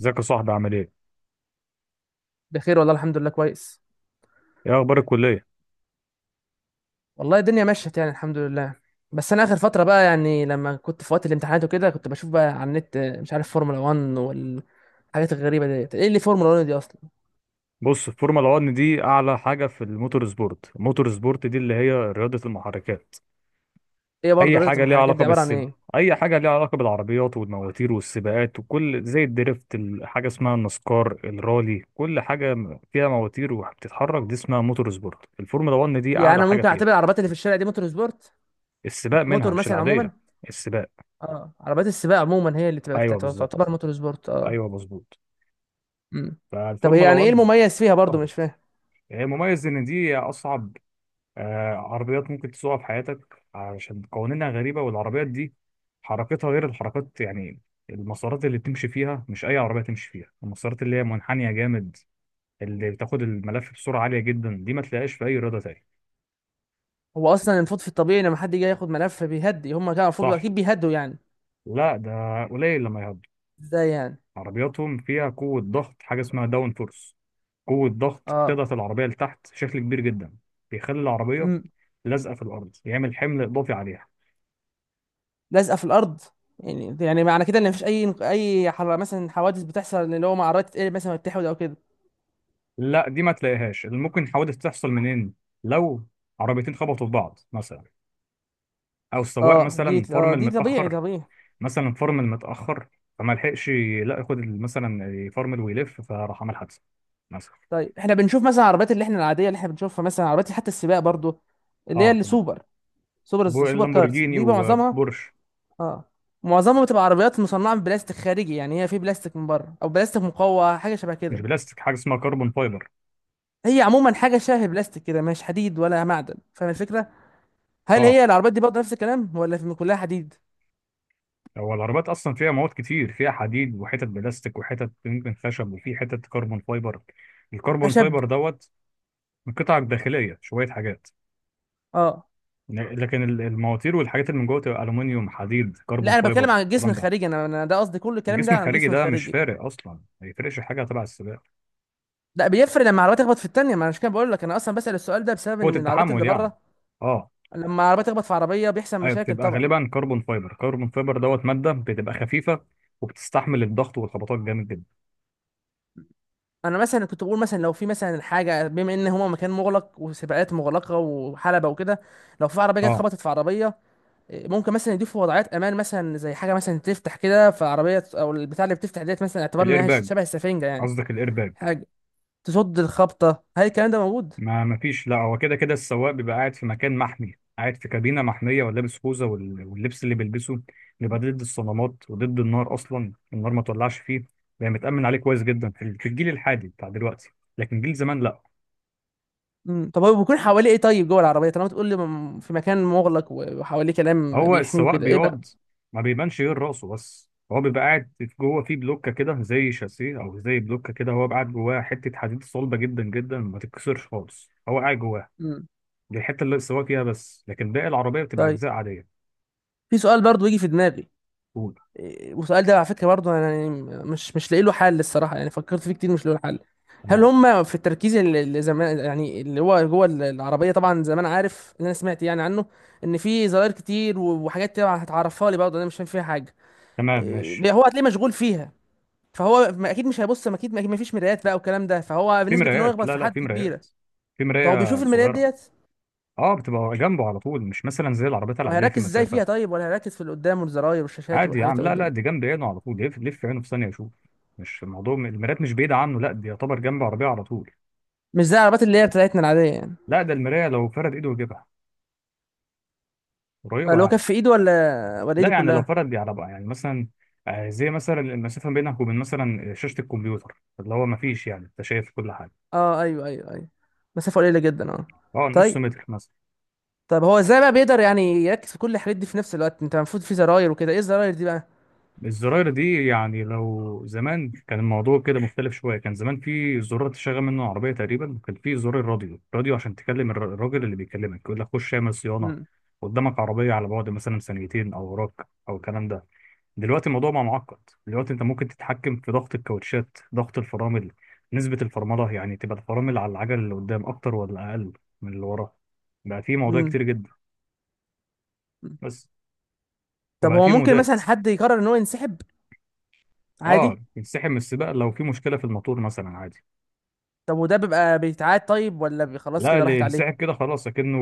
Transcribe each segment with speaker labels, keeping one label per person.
Speaker 1: ازيك يا صاحبي عامل ايه؟
Speaker 2: بخير والله، الحمد لله، كويس.
Speaker 1: ايه اخبار الكلية؟
Speaker 2: والله الدنيا مشت يعني الحمد لله. بس انا اخر فتره بقى، يعني لما كنت في وقت الامتحانات وكده كنت بشوف بقى على النت، مش عارف فورمولا 1 والحاجات الغريبه ديت. ايه اللي فورمولا 1 دي اصلا؟
Speaker 1: بص، الفورمولا 1 دي اعلى حاجة في الموتور سبورت، الموتور سبورت دي اللي هي رياضة المحركات.
Speaker 2: ايه برضه
Speaker 1: اي
Speaker 2: رياضه
Speaker 1: حاجة ليها
Speaker 2: المحركات
Speaker 1: علاقة
Speaker 2: دي؟ عباره عن
Speaker 1: بالسب،
Speaker 2: ايه؟
Speaker 1: اي حاجة ليها علاقة بالعربيات والمواتير والسباقات وكل، زي الدريفت، حاجة اسمها النسكار، الرالي، كل حاجة فيها مواتير وبتتحرك دي اسمها موتور سبورت، الفورمولا 1 دي
Speaker 2: يعني
Speaker 1: اعلى
Speaker 2: انا
Speaker 1: حاجة
Speaker 2: ممكن
Speaker 1: فيها.
Speaker 2: اعتبر العربيات اللي في الشارع دي موتور سبورت؟
Speaker 1: السباق منها،
Speaker 2: موتور
Speaker 1: مش
Speaker 2: مثلا عموما.
Speaker 1: العادية. السباق.
Speaker 2: اه، عربيات السباق عموما هي اللي تبقى
Speaker 1: ايوه بالظبط.
Speaker 2: تعتبر موتور سبورت، اه.
Speaker 1: ايوه مظبوط.
Speaker 2: امم. طب هي
Speaker 1: فالفورمولا
Speaker 2: يعني ايه
Speaker 1: 1،
Speaker 2: المميز فيها برضه؟ مش فاهم.
Speaker 1: شهرت، هي مميز ان دي اصعب عربيات ممكن تسوقها في حياتك، علشان قوانينها غريبة، والعربيات دي حركتها غير الحركات يعني. المسارات اللي بتمشي فيها مش أي عربية تمشي فيها، المسارات اللي هي منحنية جامد، اللي بتاخد الملف بسرعة عالية جدا، دي ما تلاقيهاش في أي رياضة تاني.
Speaker 2: هو اصلا المفروض في الطبيعي، لما حد يجي ياخد ملف بيهدي، هم كانوا المفروض
Speaker 1: صح.
Speaker 2: اكيد بيهدوا يعني.
Speaker 1: لا، ده قليل لما يهضوا.
Speaker 2: ازاي يعني؟
Speaker 1: عربياتهم فيها قوة ضغط، حاجة اسمها داون فورس، قوة ضغط
Speaker 2: اه.
Speaker 1: بتضغط العربية لتحت بشكل كبير جدا، بيخلي العربية
Speaker 2: امم.
Speaker 1: لازقة في الأرض، يعمل حمل إضافي عليها.
Speaker 2: لازقه في الارض. يعني معنى كده ان مفيش اي مثلا حوادث بتحصل، اللي هو مع عربيات تتقلب مثلا وتتحود او كده؟
Speaker 1: لا دي ما تلاقيهاش، اللي ممكن حوادث تحصل منين؟ لو عربيتين خبطوا في بعض مثلا، او السواق
Speaker 2: اه دي
Speaker 1: مثلا
Speaker 2: اه
Speaker 1: فرمل
Speaker 2: دي طبيعي
Speaker 1: متاخر،
Speaker 2: طبيعي.
Speaker 1: مثلا فرمل متاخر فما لحقش، لا ياخد مثلا يفرمل ويلف فراح عمل حادثه مثلا.
Speaker 2: طيب احنا بنشوف مثلا العربيات اللي احنا العاديه، اللي احنا بنشوفها، مثلا عربيات حتى السباق برضو، اللي هي
Speaker 1: اه تمام.
Speaker 2: السوبر سوبر سوبر كارز
Speaker 1: اللامبورجيني
Speaker 2: دي بقى معظمها.
Speaker 1: وبورش.
Speaker 2: اه. معظمها بتبقى عربيات مصنعه من بلاستيك خارجي، يعني هي في بلاستيك من بره او بلاستيك مقوى حاجه شبه
Speaker 1: مش
Speaker 2: كده.
Speaker 1: بلاستيك، حاجه اسمها كربون فايبر.
Speaker 2: هي عموما حاجه شبه بلاستيك كده، مش حديد ولا معدن، فاهم الفكره؟ هل
Speaker 1: اه،
Speaker 2: هي العربيات دي برضه نفس الكلام ولا في كلها حديد؟
Speaker 1: هو العربيات اصلا فيها مواد كتير، فيها حديد وحتت بلاستيك وحتت يمكن خشب، وفي حتت كربون فايبر، الكربون
Speaker 2: خشب؟
Speaker 1: فايبر دوت من قطع داخليه، شويه حاجات.
Speaker 2: اه.
Speaker 1: لكن المواتير والحاجات اللي من جوه تبقى الومنيوم، حديد،
Speaker 2: لا،
Speaker 1: كربون
Speaker 2: انا بتكلم
Speaker 1: فايبر،
Speaker 2: عن الجسم
Speaker 1: الكلام ده.
Speaker 2: الخارجي، انا ده قصدي، كل كلامي
Speaker 1: الجسم
Speaker 2: ده عن
Speaker 1: الخارجي
Speaker 2: الجسم
Speaker 1: ده مش
Speaker 2: الخارجي.
Speaker 1: فارق اصلا، ما يفرقش حاجه تبع السباق.
Speaker 2: لا، بيفرق لما العربيه تخبط في التانيه. ما انا مش كده بقول لك، انا اصلا بسأل السؤال ده بسبب
Speaker 1: قوه
Speaker 2: ان العربيات
Speaker 1: التحمل
Speaker 2: اللي
Speaker 1: يعني.
Speaker 2: بره
Speaker 1: اه.
Speaker 2: لما العربيه تخبط في عربيه بيحصل
Speaker 1: ايوه
Speaker 2: مشاكل
Speaker 1: بتبقى
Speaker 2: طبعا.
Speaker 1: غالبا كربون فايبر، كربون فايبر دوت ماده بتبقى خفيفه وبتستحمل الضغط والخبطات جامد جدا.
Speaker 2: انا مثلا كنت بقول، مثلا لو في مثلا حاجه، بما ان هما مكان مغلق وسباقات مغلقه وحلبه وكده، لو في عربيه جت
Speaker 1: اه
Speaker 2: خبطت في عربيه، ممكن مثلا يضيفوا وضعيات امان، مثلا زي حاجه مثلا تفتح كده فعربيه، او البتاع اللي بتفتح ديت، مثلا اعتبرنا انها
Speaker 1: الايرباج،
Speaker 2: شبه السفنجه يعني،
Speaker 1: قصدك الايرباج؟
Speaker 2: حاجه تصد الخبطه. هل الكلام ده موجود؟
Speaker 1: ما فيش. لا، هو كده كده السواق بيبقى قاعد في مكان محمي، قاعد في كابينة محمية، ولابس خوذة، واللبس اللي بيلبسه بيبقى ضد الصدمات وضد النار، أصلا النار ما تولعش فيه. بيبقى متأمن عليه كويس جدا في الجيل الحالي بتاع دلوقتي، لكن جيل زمان لا.
Speaker 2: مم. طب هو بيكون حواليه ايه طيب جوه العربيه، طالما تقول لي في مكان مغلق وحواليه كلام
Speaker 1: هو
Speaker 2: بيحميه
Speaker 1: السواق
Speaker 2: وكده، ايه بقى؟
Speaker 1: بيقعد، ما بيبانش غير راسه بس، هو بيبقى قاعد جوه في بلوكة كده، زي شاسيه أو زي بلوكة كده، هو قاعد جواها حتة حديد صلبة جدا جدا ما تتكسرش خالص، هو قاعد جواها.
Speaker 2: مم.
Speaker 1: دي الحتة اللي السواق فيها بس، لكن باقي العربية بتبقى
Speaker 2: طيب،
Speaker 1: أجزاء عادية.
Speaker 2: في سؤال برضو يجي في دماغي.
Speaker 1: قول.
Speaker 2: والسؤال ده على فكره برضو، انا يعني مش لاقي له حل الصراحه، يعني فكرت فيه كتير مش لاقي له حل. هل
Speaker 1: تمام.
Speaker 2: هم في التركيز اللي زمان، يعني اللي هو جوه العربيه، طبعا زمان عارف اللي انا سمعت يعني عنه، ان في زراير كتير وحاجات تبع هتعرفها لي برضه، انا مش فاهم فيها حاجه.
Speaker 1: تمام ماشي.
Speaker 2: هو هتلاقيه مشغول فيها، فهو اكيد مش هيبص، ما اكيد ما فيش مرايات بقى والكلام ده، فهو
Speaker 1: في
Speaker 2: بنسبه ان هو
Speaker 1: مرايات،
Speaker 2: يخبط
Speaker 1: لا
Speaker 2: في
Speaker 1: لا
Speaker 2: حد
Speaker 1: في
Speaker 2: كبيره.
Speaker 1: مرايات، في
Speaker 2: فهو بيشوف
Speaker 1: مراية
Speaker 2: المرايات
Speaker 1: صغيرة.
Speaker 2: ديت؟
Speaker 1: اه بتبقى جنبه على طول، مش مثلا زي العربيات
Speaker 2: طب
Speaker 1: العادية في
Speaker 2: هيركز ازاي
Speaker 1: مسافة.
Speaker 2: فيها طيب، ولا هيركز في اللي قدامه والزراير والشاشات
Speaker 1: عادي يا
Speaker 2: والحاجات
Speaker 1: عم،
Speaker 2: اللي
Speaker 1: لا لا
Speaker 2: قدامه؟
Speaker 1: دي جنب عينه على طول، يلف لف عينه في ثانية يشوف. مش الموضوع، المرايات مش بعيدة عنه، لا دي يعتبر جنب عربية على طول.
Speaker 2: مش زي العربيات اللي هي بتاعتنا العاديه يعني؟
Speaker 1: لا ده المراية لو فرد ايده يجيبها. قريبة
Speaker 2: اللي هو
Speaker 1: يعني.
Speaker 2: كف ايده ولا
Speaker 1: لا
Speaker 2: ايده
Speaker 1: يعني لو
Speaker 2: كلها؟
Speaker 1: فرد، دي عربية يعني مثلا، زي مثلا المسافة بينك وبين مثلا شاشة الكمبيوتر، اللي هو مفيش يعني، انت شايف كل حاجة.
Speaker 2: اه، ايوه ايوه ايوه. مسافه قليله جدا، اه.
Speaker 1: اه نص
Speaker 2: طيب.
Speaker 1: متر مثلا.
Speaker 2: طب هو ازاي بقى بيقدر يعني يركز في كل الحاجات دي في نفس الوقت؟ انت المفروض في زراير وكده، ايه الزراير دي بقى؟
Speaker 1: الزراير دي يعني لو زمان كان الموضوع كده مختلف شوية. كان زمان في زرار تشغل منه العربية تقريبا، وكان في زرار الراديو، راديو عشان تكلم الراجل اللي بيكلمك يقول لك خش اعمل صيانة،
Speaker 2: امم.
Speaker 1: قدامك عربية على بعد مثلا ثانيتين، أو وراك، أو الكلام ده. دلوقتي الموضوع بقى معقد، دلوقتي أنت ممكن تتحكم في ضغط الكاوتشات، ضغط الفرامل، نسبة الفرملة يعني، تبقى الفرامل على العجل اللي قدام أكتر ولا أقل من اللي وراه. بقى في موضوع
Speaker 2: امم.
Speaker 1: كتير جدا. بس.
Speaker 2: طب
Speaker 1: وبقى
Speaker 2: هو
Speaker 1: في
Speaker 2: ممكن
Speaker 1: مودات.
Speaker 2: مثلا حد يقرر ان هو ينسحب
Speaker 1: اه،
Speaker 2: عادي؟
Speaker 1: ينسحب من السباق لو في مشكلة في الموتور مثلا، عادي.
Speaker 2: طب وده بيبقى بيتعاد طيب، ولا خلاص
Speaker 1: لا،
Speaker 2: كده
Speaker 1: اللي
Speaker 2: راحت
Speaker 1: ينسحب
Speaker 2: عليه؟
Speaker 1: كده خلاص، اكنه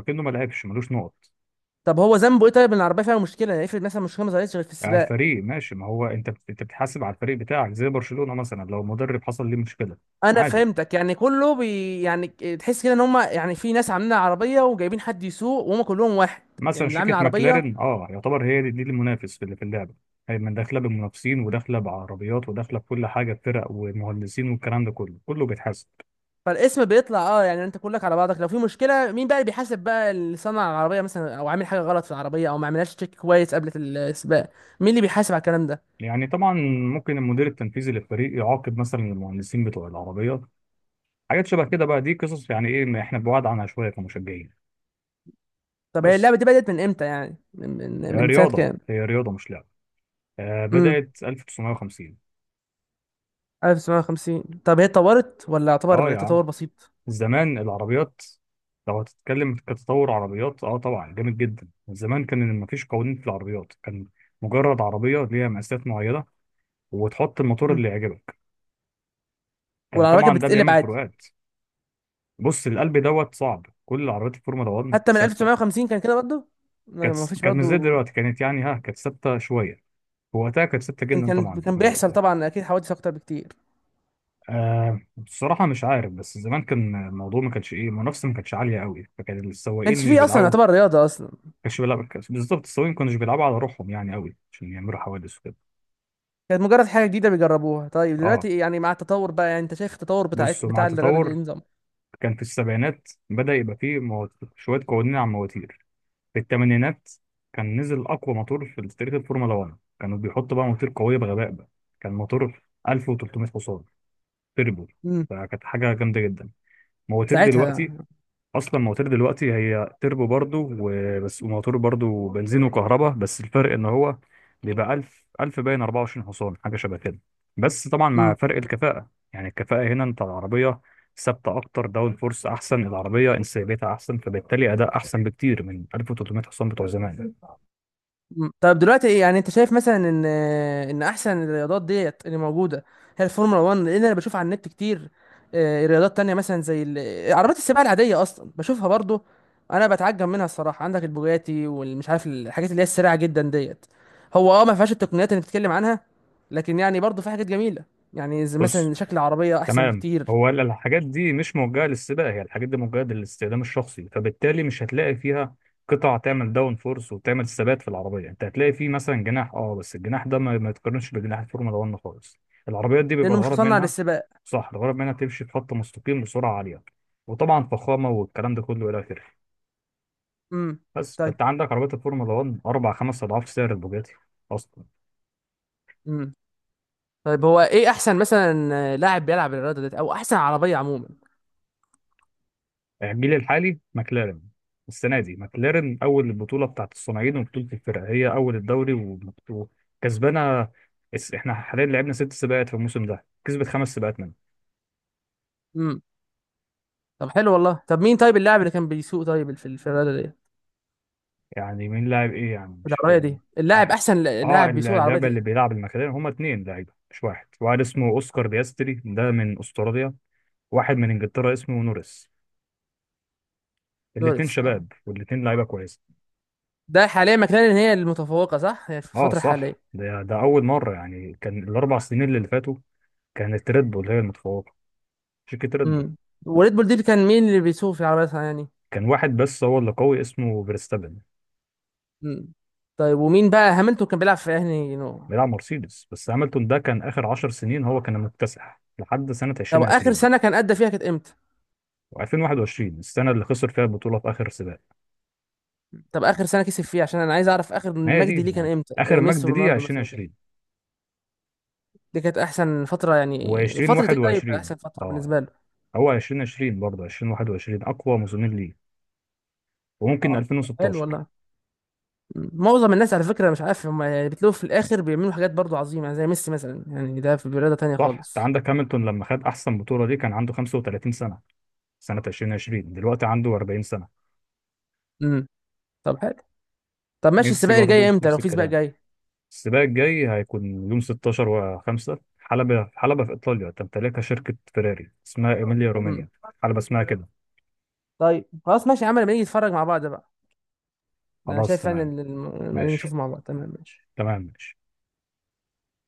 Speaker 1: ما لعبش، ملوش نقط.
Speaker 2: طب هو ذنبه ايه طيب ان العربيه فيها مشكله؟ يعني افرض مثلا مشكله ما ظهرتش غير في
Speaker 1: على
Speaker 2: السباق.
Speaker 1: الفريق ماشي، ما هو انت انت بتحاسب على الفريق بتاعك، زي برشلونة مثلا لو مدرب حصل ليه مشكلة،
Speaker 2: انا
Speaker 1: عادي.
Speaker 2: فهمتك، يعني كله بي يعني، تحس كده ان هم يعني في ناس عاملين عربيه وجايبين حد يسوق وهم كلهم واحد،
Speaker 1: مثلا
Speaker 2: يعني اللي عامل
Speaker 1: شركة
Speaker 2: العربيه
Speaker 1: ماكلارين، اه يعتبر هي دي، المنافس اللي في اللعبة. هي من داخلة بمنافسين، وداخلة بعربيات، وداخلة بكل حاجة، بفرق ومهندسين، والكلام ده كله، كله بيتحاسب.
Speaker 2: فالاسم بيطلع اه، يعني انت كلك على بعضك، لو في مشكله مين بقى اللي بيحاسب؟ بقى اللي صنع العربيه مثلا، او عامل حاجه غلط في العربيه، او ما عملهاش تشيك كويس قبل السباق؟ مين اللي بيحاسب على الكلام ده؟
Speaker 1: يعني طبعا ممكن المدير التنفيذي للفريق يعاقب مثلا المهندسين بتوع العربيات، حاجات شبه كده بقى، دي قصص يعني، ايه ما احنا بعاد عنها شوية كمشجعين.
Speaker 2: طب هي
Speaker 1: بس.
Speaker 2: اللعبه دي بدات من امتى يعني، من من,
Speaker 1: هي
Speaker 2: من سنه
Speaker 1: رياضة،
Speaker 2: كام؟
Speaker 1: هي رياضة، مش لعبة.
Speaker 2: امم.
Speaker 1: بدأت 1950.
Speaker 2: 1950؟ طب هي اتطورت ولا
Speaker 1: اه
Speaker 2: يعتبر
Speaker 1: يا عم،
Speaker 2: تطور بسيط؟
Speaker 1: زمان العربيات، لو هتتكلم كتطور عربيات اه طبعا جامد جدا. زمان كان مفيش قوانين في العربيات، كان مجرد عربية ليها مقاسات معينة، وتحط الموتور
Speaker 2: مم.
Speaker 1: اللي يعجبك، كان
Speaker 2: والعربيه كانت
Speaker 1: طبعا ده
Speaker 2: بتتقلب
Speaker 1: بيعمل
Speaker 2: عادي
Speaker 1: فروقات. بص، القلب دوت صعب، كل عربيات الفورمولا 1
Speaker 2: حتى من
Speaker 1: ثابتة.
Speaker 2: 1950؟ كان كده برضه؟ ما
Speaker 1: كانت
Speaker 2: ما فيش
Speaker 1: كانت مش زي
Speaker 2: برضه.
Speaker 1: دلوقتي، كانت يعني، ها كانت ثابتة شوية، وقتها كانت ثابتة
Speaker 2: لكن
Speaker 1: جدا
Speaker 2: كان
Speaker 1: طبعا.
Speaker 2: كان بيحصل طبعا اكيد حوادث اكتر بكتير.
Speaker 1: بصراحة مش عارف، بس زمان كان الموضوع ما كانش، ايه، المنافسة ما كانتش عالية قوي، فكان
Speaker 2: ما
Speaker 1: السواقين
Speaker 2: كانش
Speaker 1: مش
Speaker 2: فيه اصلا
Speaker 1: بيلعبوا، ما
Speaker 2: يعتبر رياضه اصلا،
Speaker 1: كانش بيلعب بالظبط، السواقين ما كانوش بيلعبوا على روحهم يعني قوي عشان يعملوا حوادث وكده.
Speaker 2: كانت مجرد حاجه جديده بيجربوها. طيب
Speaker 1: اه
Speaker 2: دلوقتي يعني، مع التطور بقى، يعني انت شايف التطور بتاع
Speaker 1: بصوا، مع
Speaker 2: بتاع الرياضه دي إيه
Speaker 1: التطور
Speaker 2: نظام؟
Speaker 1: كان في السبعينات بدأ يبقى فيه شوية قوانين على المواتير. في الثمانينات كان نزل أقوى موتور في تاريخ الفورمولا 1، كانوا بيحطوا بقى موتور قوية بغباء بقى، كان موتور 1300 حصان تربو،
Speaker 2: امم.
Speaker 1: فكانت حاجة جامدة جدا. مواتير دلوقتي،
Speaker 2: ساعتها.
Speaker 1: اصلا مواتير دلوقتي هي تربو برضو وبس، وموتور برضو بنزين وكهرباء، بس الفرق ان هو بيبقى 1000 1000 باين 24 حصان، حاجه شبه كده. بس طبعا مع
Speaker 2: امم.
Speaker 1: فرق الكفاءه يعني، الكفاءه هنا انت العربيه ثابته اكتر، داون فورس احسن، العربيه انسيابيتها احسن، فبالتالي اداء احسن بكتير من 1300 حصان بتوع زمان.
Speaker 2: مم. طب دلوقتي ايه، يعني انت شايف مثلا ان احسن الرياضات ديت اللي موجوده هي الفورمولا 1؟ لان انا بشوف على النت كتير، رياضات تانية مثلا زي عربيات السباق العاديه اصلا بشوفها برضو، انا بتعجب منها الصراحه. عندك البوجاتي والمش عارف الحاجات اللي هي السريعه جدا ديت، هو ما فيهاش التقنيات اللي بتتكلم عنها، لكن يعني برضو في حاجات جميله، يعني زي
Speaker 1: بص
Speaker 2: مثلا شكل العربيه احسن
Speaker 1: تمام،
Speaker 2: بكتير،
Speaker 1: هو الحاجات دي مش موجهة للسباق، هي الحاجات دي موجهة للاستخدام الشخصي، فبالتالي مش هتلاقي فيها قطع تعمل داون فورس وتعمل ثبات في العربية. انت هتلاقي فيه مثلا جناح، اه بس الجناح ده ما يتقارنش بجناح الفورمولا 1 خالص. العربيات دي بيبقى
Speaker 2: لانه مش
Speaker 1: الغرض
Speaker 2: مصنع
Speaker 1: منها،
Speaker 2: للسباق.
Speaker 1: صح، الغرض منها تمشي في خط مستقيم بسرعة عالية، وطبعا فخامة، والكلام ده كله إلى آخره.
Speaker 2: امم.
Speaker 1: بس
Speaker 2: طيب.
Speaker 1: فأنت عندك عربيات الفورمولا 1 أربع خمس أضعاف سعر البوجاتي أصلا.
Speaker 2: امم. طيب هو ايه احسن مثلا، لاعب بيلعب الرياضه ديت؟ او احسن عربيه عموما؟
Speaker 1: الجيل الحالي ماكلارين، السنه دي ماكلارين اول البطوله بتاعت الصناعين وبطوله الفرق، هي اول الدوري وكسبانه. احنا حاليا لعبنا ست سباقات في الموسم ده، كسبت خمس سباقات منهم.
Speaker 2: طب حلو والله. طب مين طيب اللاعب اللي كان بيسوق طيب في في الرياضه دي؟
Speaker 1: يعني مين لاعب، ايه يعني؟ مش
Speaker 2: العربيه
Speaker 1: فاهم.
Speaker 2: دي اللاعب،
Speaker 1: احد.
Speaker 2: احسن
Speaker 1: اه،
Speaker 2: لاعب بيسوق العربيه
Speaker 1: اللعبه
Speaker 2: دي
Speaker 1: اللي
Speaker 2: يعني؟
Speaker 1: بيلعب الماكلارين هما اتنين لعيبه مش واحد. واحد اسمه اوسكار بياستري، ده من استراليا، واحد من انجلترا اسمه نوريس، الاتنين
Speaker 2: لوريس، اه.
Speaker 1: شباب والاتنين لعيبه كويسه.
Speaker 2: ده حاليا مكلارين هي المتفوقه صح، هي في
Speaker 1: اه
Speaker 2: الفتره
Speaker 1: صح،
Speaker 2: الحاليه؟
Speaker 1: ده اول مره، يعني كان الاربع سنين اللي فاتوا كانت ريد بول هي المتفوقه، شركة ريد بول.
Speaker 2: امم. وريد بول دي كان مين اللي بيسوق في العربيه يعني؟
Speaker 1: كان واحد بس هو اللي قوي اسمه فيرستابن.
Speaker 2: امم. طيب، ومين بقى هاملتون كان بيلعب في انهي نوع؟
Speaker 1: بيلعب مرسيدز، بس هاملتون ده كان آخر 10 سنين هو كان المكتسح لحد سنة
Speaker 2: طب اخر
Speaker 1: 2020.
Speaker 2: سنه كان ادى فيها كانت امتى؟
Speaker 1: و2021 السنة اللي خسر فيها البطولة في آخر سباق،
Speaker 2: طب اخر سنه كسب فيها عشان انا عايز اعرف اخر
Speaker 1: ما هي
Speaker 2: مجدي
Speaker 1: دي
Speaker 2: ليه كان
Speaker 1: يعني،
Speaker 2: امتى،
Speaker 1: آخر
Speaker 2: زي ميسي
Speaker 1: مجد دي
Speaker 2: ورونالدو مثلا كده؟
Speaker 1: 2020
Speaker 2: دي كانت احسن فتره؟ يعني فتره ايه طيب
Speaker 1: و2021.
Speaker 2: احسن فتره
Speaker 1: اه،
Speaker 2: بالنسبه له؟
Speaker 1: هو 2020 برضه 2021 أقوى موسمين ليه، وممكن
Speaker 2: اه، حلو
Speaker 1: 2016.
Speaker 2: والله. معظم الناس على فكرة، مش عارف هم يعني، بتلاقوا في الآخر بيعملوا حاجات برضو عظيمة، يعني زي ميسي مثلا يعني ده في رياضة تانية
Speaker 1: صح، انت
Speaker 2: خالص.
Speaker 1: عندك هاملتون لما خد احسن بطوله دي كان عنده 35 سنه، سنه 2020، دلوقتي عنده 40 سنه.
Speaker 2: امم. طب حلو. طب ماشي،
Speaker 1: ميسي
Speaker 2: السباق اللي جاي
Speaker 1: برضو
Speaker 2: امتى لو
Speaker 1: نفس
Speaker 2: في سباق
Speaker 1: الكلام.
Speaker 2: جاي؟
Speaker 1: السباق الجاي هيكون يوم 16 و5، حلبة في إيطاليا تمتلكها شركة فيراري، اسمها إيميليا
Speaker 2: امم.
Speaker 1: رومانيا، حلبة اسمها كده.
Speaker 2: طيب خلاص، ماشي يا عم، لما نيجي نتفرج مع بعض بقى. ده انا
Speaker 1: خلاص
Speaker 2: شايف فعلا
Speaker 1: تمام
Speaker 2: إن لما نيجي نشوف
Speaker 1: ماشي،
Speaker 2: مع بعض تمام، ماشي.
Speaker 1: تمام ماشي.